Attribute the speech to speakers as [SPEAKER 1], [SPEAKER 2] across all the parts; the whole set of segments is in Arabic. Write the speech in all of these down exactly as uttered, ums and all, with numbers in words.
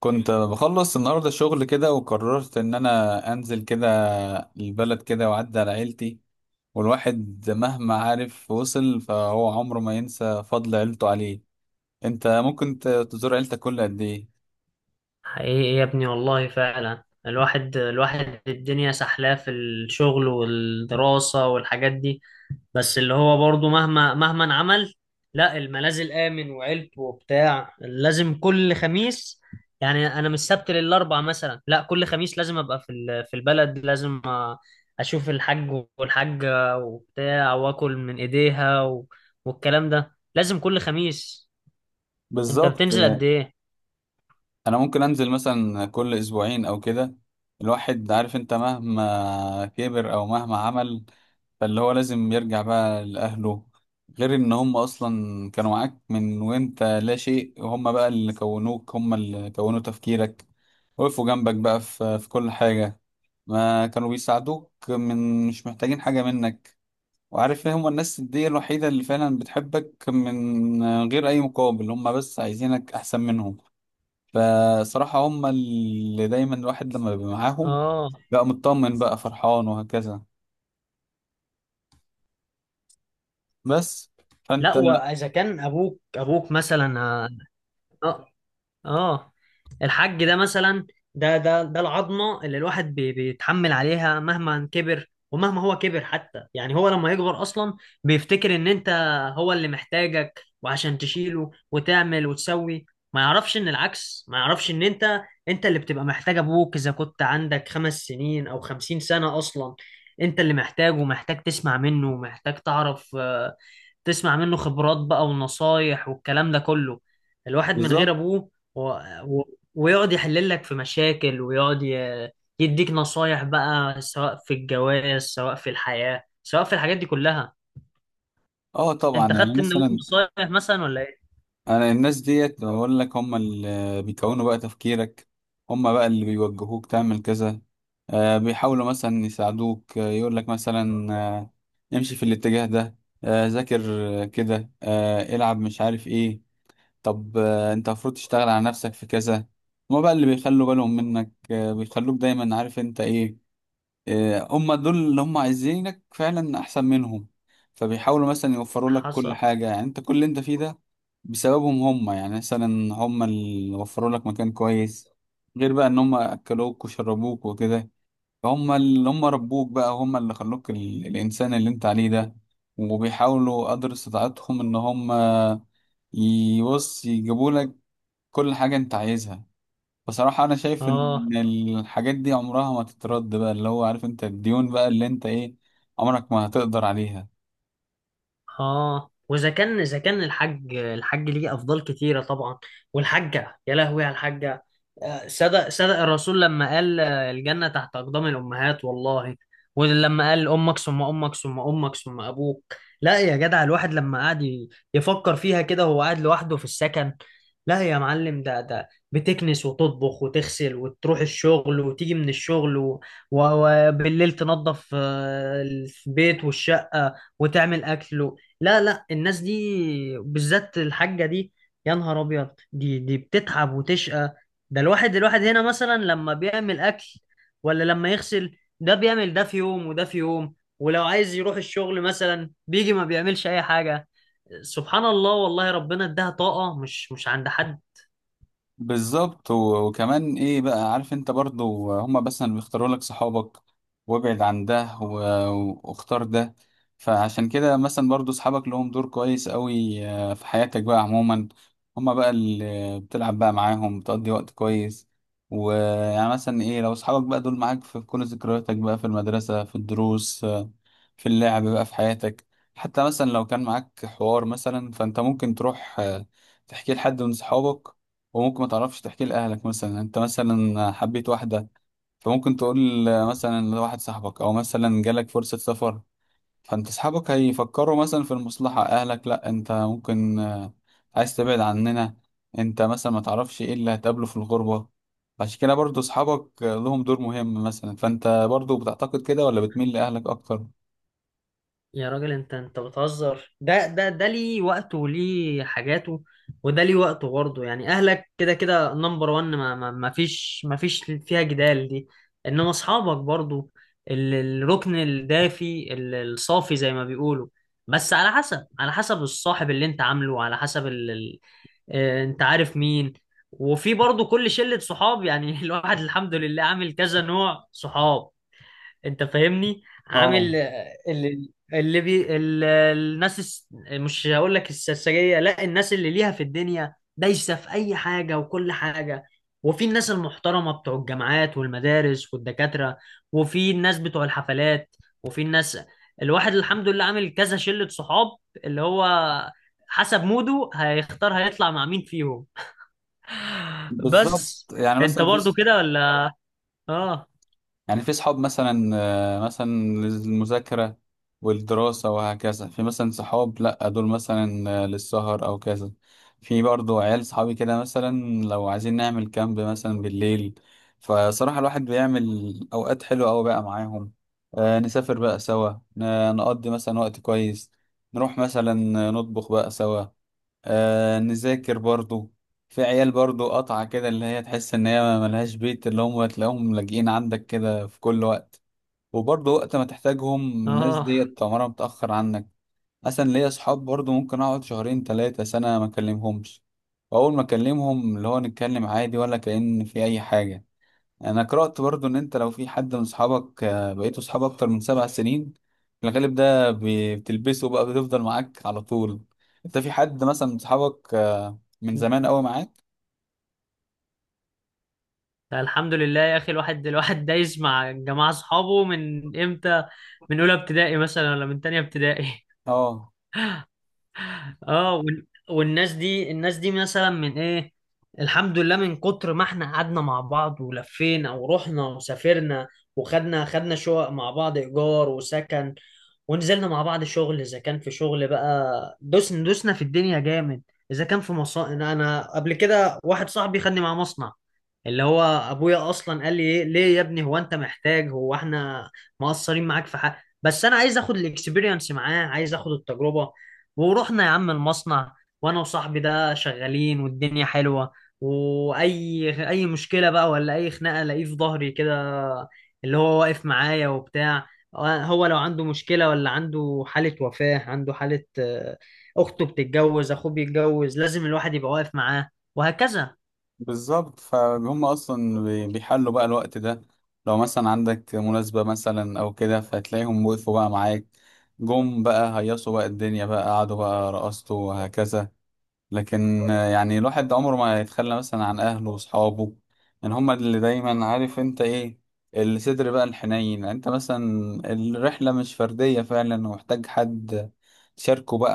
[SPEAKER 1] كنت بخلص النهاردة شغل كده وقررت إن أنا أنزل كده البلد كده وأعدي على عيلتي. والواحد مهما عارف وصل فهو عمره ما ينسى فضل عيلته عليه. أنت ممكن ت- تزور عيلتك كل قد إيه؟
[SPEAKER 2] حقيقي يا ابني، والله فعلا الواحد الواحد الدنيا سحلاه في الشغل والدراسة والحاجات دي. بس اللي هو برضو مهما مهما عمل، لا الملاذ الآمن وعيلته وبتاع لازم كل خميس. يعني أنا من السبت للأربع مثلا، لا كل خميس لازم أبقى في ال- في البلد، لازم أ- أشوف الحاج والحاجة وبتاع وآكل من إيديها و- والكلام ده لازم كل خميس. أنت
[SPEAKER 1] بالظبط.
[SPEAKER 2] بتنزل قد إيه؟
[SPEAKER 1] انا ممكن انزل مثلا كل اسبوعين او كده. الواحد عارف انت مهما كبر او مهما عمل، فاللي هو لازم يرجع بقى لاهله. غير ان هم اصلا كانوا معاك من وانت لا شيء، وهم بقى اللي كونوك، هم اللي كونوا تفكيرك، وقفوا جنبك بقى في في كل حاجة. ما كانوا بيساعدوك من مش محتاجين حاجة منك. وعارف ايه، هم الناس دي الوحيدة اللي فعلا بتحبك من غير اي مقابل، هم بس عايزينك احسن منهم. فصراحة هم اللي دايما الواحد لما بيبقى معاهم
[SPEAKER 2] آه.
[SPEAKER 1] بقى مطمن بقى فرحان وهكذا. بس
[SPEAKER 2] لا،
[SPEAKER 1] فانت
[SPEAKER 2] واذا كان ابوك ابوك مثلا، آه، اه، الحج ده مثلا، ده ده ده العظمه اللي الواحد بي- بيتحمل عليها مهما كبر، ومهما هو كبر حتى. يعني هو لما يكبر اصلا بيفتكر ان انت هو اللي محتاجك، وعشان تشيله وتعمل وتسوي. ما يعرفش ان العكس، ما يعرفش ان انت انت اللي بتبقى محتاج ابوك اذا كنت عندك خمس سنين او خمسين سنه اصلا. انت اللي محتاجه، ومحتاج تسمع منه، ومحتاج تعرف، آه، تسمع منه خبرات بقى ونصايح والكلام ده كله. الواحد من غير
[SPEAKER 1] بالظبط.
[SPEAKER 2] ابوه و... و... ويقعد يحلل لك في مشاكل، ويقعد ي... يديك نصايح بقى، سواء في الجواز سواء في الحياة سواء في الحاجات دي كلها.
[SPEAKER 1] اه طبعا،
[SPEAKER 2] انت
[SPEAKER 1] يعني
[SPEAKER 2] خدت من أبوك
[SPEAKER 1] مثلا
[SPEAKER 2] نصايح مثلا ولا ايه؟
[SPEAKER 1] انا الناس ديت بقول لك هم اللي بيكونوا بقى تفكيرك، هم بقى اللي بيوجهوك تعمل كذا. آه بيحاولوا مثلا يساعدوك، آه يقول لك مثلا، آه امشي في الاتجاه ده، آه ذاكر، آه كده، آه العب، مش عارف ايه. طب آه، انت المفروض تشتغل على نفسك في كذا. هما بقى اللي بيخلوا بالهم منك، آه، بيخلوك دايما عارف انت ايه. آه، هما دول اللي هما عايزينك فعلا احسن منهم. فبيحاولوا مثلا يوفروا لك كل
[SPEAKER 2] حصل.
[SPEAKER 1] حاجة. يعني انت كل اللي انت فيه ده بسببهم هما. يعني مثلا هما اللي وفروا لك مكان كويس، غير بقى ان هما اكلوك وشربوك وكده. هما اللي هما ربوك بقى، هما اللي خلوك ال... الانسان اللي انت عليه ده. وبيحاولوا قدر استطاعتهم ان هما يبص يجيبوا لك كل حاجة انت عايزها. بصراحة انا شايف
[SPEAKER 2] اه.
[SPEAKER 1] ان الحاجات دي عمرها ما تترد بقى، اللي هو عارف انت الديون بقى اللي انت ايه، عمرك ما هتقدر عليها.
[SPEAKER 2] اه، واذا كان اذا كان الحاج الحاج ليه افضال كتيره طبعا، والحاجه يا لهوي على الحاجه. آه، صدق صدق الرسول لما قال، آه، الجنه تحت اقدام الامهات والله. ولما قال امك ثم امك ثم امك ثم ابوك. لا يا جدع، الواحد لما قعد ي- يفكر فيها كده وهو قاعد لوحده في السكن. لا يا معلم، ده ده بتكنس وتطبخ وتغسل وتروح الشغل وتيجي من الشغل و- و- وبالليل تنظف، آه، البيت والشقه وتعمل اكل. لا، لا، الناس دي بالذات، الحاجة دي، يا نهار أبيض، دي دي بتتعب وتشقى. ده الواحد الواحد هنا مثلا لما بيعمل أكل ولا لما يغسل، ده بيعمل ده في يوم وده في يوم، ولو عايز يروح الشغل مثلا بيجي ما بيعملش أي حاجة. سبحان الله، والله ربنا اداها طاقة مش مش عند حد.
[SPEAKER 1] بالظبط. و- وكمان ايه بقى، عارف انت برضو هما بس اللي بيختاروا لك صحابك، وابعد عن ده و- واختار ده. فعشان كده مثلا برضو صحابك لهم دور كويس قوي آه، في حياتك بقى عموما. هما بقى اللي بتلعب بقى معاهم، بتقضي وقت كويس. ويعني مثلا ايه، لو صحابك بقى دول معاك في كل ذكرياتك بقى، في المدرسة، في الدروس، في اللعب بقى في حياتك. حتى مثلا لو كان معاك حوار مثلا، فانت ممكن تروح آه، تحكيه لحد من صحابك، وممكن ما تعرفش تحكيه لأهلك. مثلا انت مثلا حبيت واحدة، فممكن تقول آه، مثلا لواحد صاحبك. او مثلا جالك فرصة سفر، فانت صحابك هيفكروا مثلا في المصلحة. اهلك لا، انت ممكن آه، عايز تبعد عننا، انت مثلا ما تعرفش ايه اللي هتقابله في الغربة. عشان كده برضو صحابك آه، لهم دور مهم مثلا. فانت برضو بتعتقد كده ولا بتميل لأهلك اكتر؟
[SPEAKER 2] يا راجل، انت انت بتهزر، ده ده ده ليه وقته وليه حاجاته، وده ليه وقته برضه. يعني اهلك كده كده نمبر وان، ما, ما, ما فيش ما فيش فيها جدال دي. انما اصحابك برضه ال- الركن الدافي ال- الصافي زي ما بيقولوا. بس على حسب على حسب الصاحب اللي انت عامله، على حسب ال... ال... اه، انت عارف مين. وفي برضه كل شلة صحاب يعني الواحد الحمد لله عامل كذا نوع صحاب، انت فاهمني،
[SPEAKER 1] اه
[SPEAKER 2] عامل اللي, اللي بي ال- الناس، الس- مش هقول لك السرسجية، لا، الناس اللي ليها في الدنيا، دايسة في اي حاجة وكل حاجة. وفي الناس المحترمة بتوع الجامعات والمدارس والدكاترة، وفي الناس بتوع الحفلات، وفي الناس. الواحد الحمد لله عامل كذا شلة صحاب اللي هو حسب موده هيختار هيطلع مع مين فيهم.
[SPEAKER 1] بالظبط،
[SPEAKER 2] بس
[SPEAKER 1] يعني
[SPEAKER 2] انت
[SPEAKER 1] مثلا في،
[SPEAKER 2] برضو كده ولا؟ اه.
[SPEAKER 1] يعني في صحاب مثلا آه، مثلا للمذاكرة والدراسة وهكذا. في مثلا صحاب لأ دول مثلا آه، للسهر أو كذا. في برضو عيال صحابي كده مثلا لو عايزين نعمل كامب مثلا بالليل، فصراحة الواحد بيعمل أوقات حلوة أوي بقى معاهم. آه، نسافر بقى سوا، ن- نقضي مثلا وقت كويس، نروح مثلا، نطبخ بقى سوا، آه نذاكر برضو. في عيال برضو قطعة كده اللي هي تحس ان هي ملهاش بيت، اللي هم تلاقيهم لاجئين عندك كده في كل وقت. وبرضو وقت ما تحتاجهم الناس
[SPEAKER 2] اه،
[SPEAKER 1] ديت عمرها متأخر عنك. مثلا ليا صحاب برضو ممكن اقعد شهرين تلاتة سنة ما اكلمهمش، واول ما اكلمهم اللي هو نتكلم عادي ولا كأن في اي حاجة. يعني انا قرأت برضو ان انت لو في حد من اصحابك آه، بقيتوا اصحاب اكتر من سبع سنين، في الغالب ده بي- بتلبسه بقى، بتفضل معاك على طول. انت في حد مثلا من اصحابك آه، من زمان قوي معاك؟
[SPEAKER 2] الحمد لله يا اخي، الواحد الواحد دايس مع جماعه اصحابه من امتى، من اولى ابتدائي مثلا ولا من تانية ابتدائي.
[SPEAKER 1] اه
[SPEAKER 2] اه، وال- والناس دي الناس دي مثلا من ايه. الحمد لله من كتر ما احنا قعدنا مع بعض ولفينا ورحنا وسافرنا، وخدنا خدنا شقق مع بعض ايجار وسكن، ونزلنا مع بعض شغل اذا كان في شغل بقى. دوسنا دوسنا في الدنيا جامد. اذا كان في مصانع، انا قبل كده واحد صاحبي خدني مع مصنع، اللي هو ابويا اصلا قال لي، ايه ليه يا ابني، هو انت محتاج، هو احنا مقصرين معاك في حق؟ بس انا عايز اخد الاكسبيرينس معاه، عايز اخد التجربه. ورحنا يا عم المصنع، وانا وصاحبي ده شغالين والدنيا حلوة. واي اي مشكلة بقى، ولا اي خناقة، الاقيه في ظهري كده اللي هو واقف معايا وبتاع. هو لو عنده مشكلة، ولا عنده حالة وفاة، عنده حالة، آه، اخته بتتجوز، اخوه بيتجوز، لازم الواحد يبقى واقف معاه وهكذا.
[SPEAKER 1] بالظبط، فهم اصلا بي- بيحلوا بقى الوقت ده. لو مثلا عندك مناسبة مثلا او كده، فتلاقيهم وقفوا بقى معاك، جم بقى هيصوا بقى الدنيا بقى، قعدوا بقى رقصتوا وهكذا. لكن آه، يعني الواحد عمره ما يتخلى مثلا عن اهله واصحابه. يعني هما اللي دايما عارف انت ايه، الصدر بقى الحنين. يعني انت مثلا الرحلة مش فردية فعلا، ومحتاج حد تشاركه بقى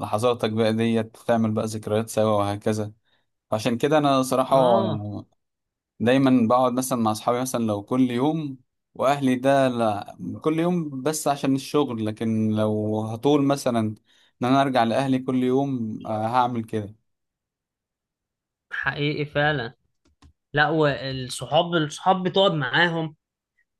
[SPEAKER 1] لحظاتك بقى ديت، تعمل بقى ذكريات سوا وهكذا. عشان كده انا صراحة
[SPEAKER 2] اه.
[SPEAKER 1] دايما بقعد مثلا مع اصحابي مثلا لو كل يوم، واهلي ده لا، كل يوم بس عشان الشغل. لكن لو هطول مثلا ان انا ارجع لاهلي كل يوم آه، هعمل كده.
[SPEAKER 2] حقيقي فعلا. لا، والصحاب، الصحاب بتقعد معاهم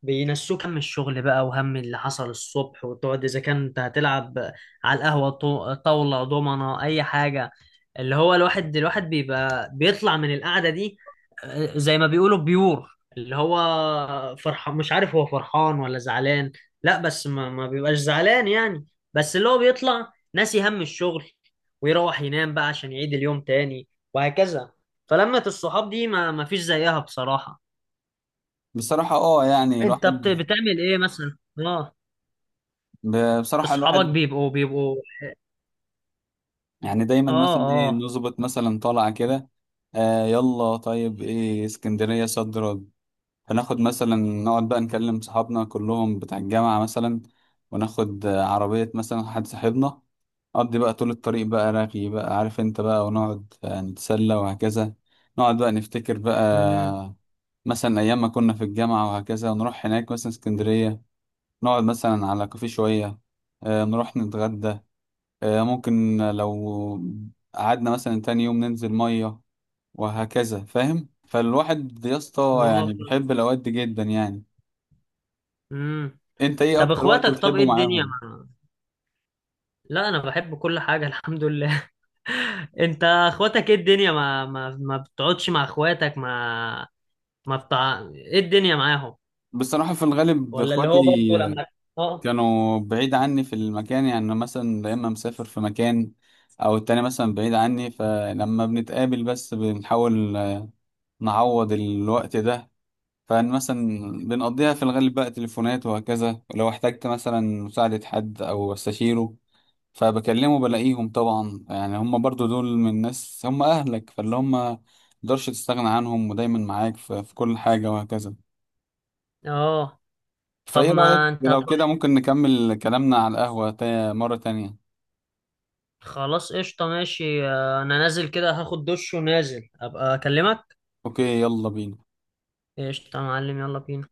[SPEAKER 2] بينسوك هم الشغل بقى، وهم اللي حصل الصبح، وتقعد اذا كنت هتلعب على القهوة طو- طاولة دومنة اي حاجة. اللي هو الواحد الواحد بيبقى بيطلع من القعدة دي، آه، زي ما بيقولوا بيور، اللي هو فرحان، مش عارف هو فرحان ولا زعلان. لا بس ما, ما بيبقاش زعلان يعني، بس اللي هو بيطلع ناسي هم الشغل، ويروح ينام بقى عشان يعيد اليوم تاني وهكذا. فلمة الصحاب دي ما, ما فيش زيها بصراحة.
[SPEAKER 1] بصراحة اه يعني
[SPEAKER 2] انت بت-
[SPEAKER 1] الواحد،
[SPEAKER 2] بتعمل ايه مثلا؟ اه.
[SPEAKER 1] ب- بصراحة
[SPEAKER 2] اصحابك
[SPEAKER 1] الواحد
[SPEAKER 2] بيبقوا بيبقوا.
[SPEAKER 1] يعني دايما
[SPEAKER 2] اه.
[SPEAKER 1] مثلا ايه،
[SPEAKER 2] اه.
[SPEAKER 1] نظبط مثلا طالعة كده، آه يلا طيب ايه، اسكندرية صد رد. فناخد مثلا، نقعد بقى نكلم صحابنا كلهم بتاع الجامعة مثلا، وناخد آه، عربية مثلا حد صاحبنا، نقضي بقى طول الطريق بقى رغي بقى عارف انت بقى، ونقعد آه، نتسلى وهكذا. نقعد بقى نفتكر
[SPEAKER 2] امم.
[SPEAKER 1] بقى مثلا أيام ما كنا في الجامعة وهكذا. ونروح هناك مثلا اسكندرية، نقعد مثلا على كافيه شوية، آه، نروح نتغدى، آه، ممكن لو قعدنا مثلا تاني يوم ننزل مية وهكذا، فاهم؟ فالواحد يا اسطى يعني
[SPEAKER 2] موافق.
[SPEAKER 1] بيحب الأوقات دي جدا يعني.
[SPEAKER 2] امم.
[SPEAKER 1] انت ايه
[SPEAKER 2] طب
[SPEAKER 1] أكتر وقت
[SPEAKER 2] اخواتك، طب ايه
[SPEAKER 1] بتحبه
[SPEAKER 2] الدنيا
[SPEAKER 1] معاهم؟
[SPEAKER 2] مع... لا، انا بحب كل حاجه الحمد لله انت اخواتك، ايه الدنيا، ما ما ما بتقعدش مع اخواتك، ما ما بتاع، ايه الدنيا معاهم،
[SPEAKER 1] بصراحة في الغالب
[SPEAKER 2] ولا اللي
[SPEAKER 1] اخواتي
[SPEAKER 2] هو برضه لما. اه.
[SPEAKER 1] كانوا بعيد عني في المكان، يعني مثلا يا إما مسافر في مكان أو التاني مثلا بعيد عني. فلما بنتقابل بس بنحاول نعوض الوقت ده. فمثلا بنقضيها في الغالب بقى تليفونات وهكذا. ولو احتجت مثلا مساعدة حد أو استشيره، فبكلمه بلاقيهم طبعا. يعني هم برضو دول من الناس، هم أهلك، فاللي هم مقدرش تستغنى عنهم ودايما معاك في, في كل حاجة وهكذا.
[SPEAKER 2] اه، طب
[SPEAKER 1] فإيه
[SPEAKER 2] ما
[SPEAKER 1] رأيك
[SPEAKER 2] انت
[SPEAKER 1] لو كده
[SPEAKER 2] هتروح.
[SPEAKER 1] ممكن نكمل كلامنا على القهوة تا- مرة تانية؟
[SPEAKER 2] خلاص قشطه، ماشي، آه، انا نازل كده هاخد دش ونازل ابقى اكلمك.
[SPEAKER 1] أوكي، يلا بينا.
[SPEAKER 2] قشطه يا معلم، يلا بينا.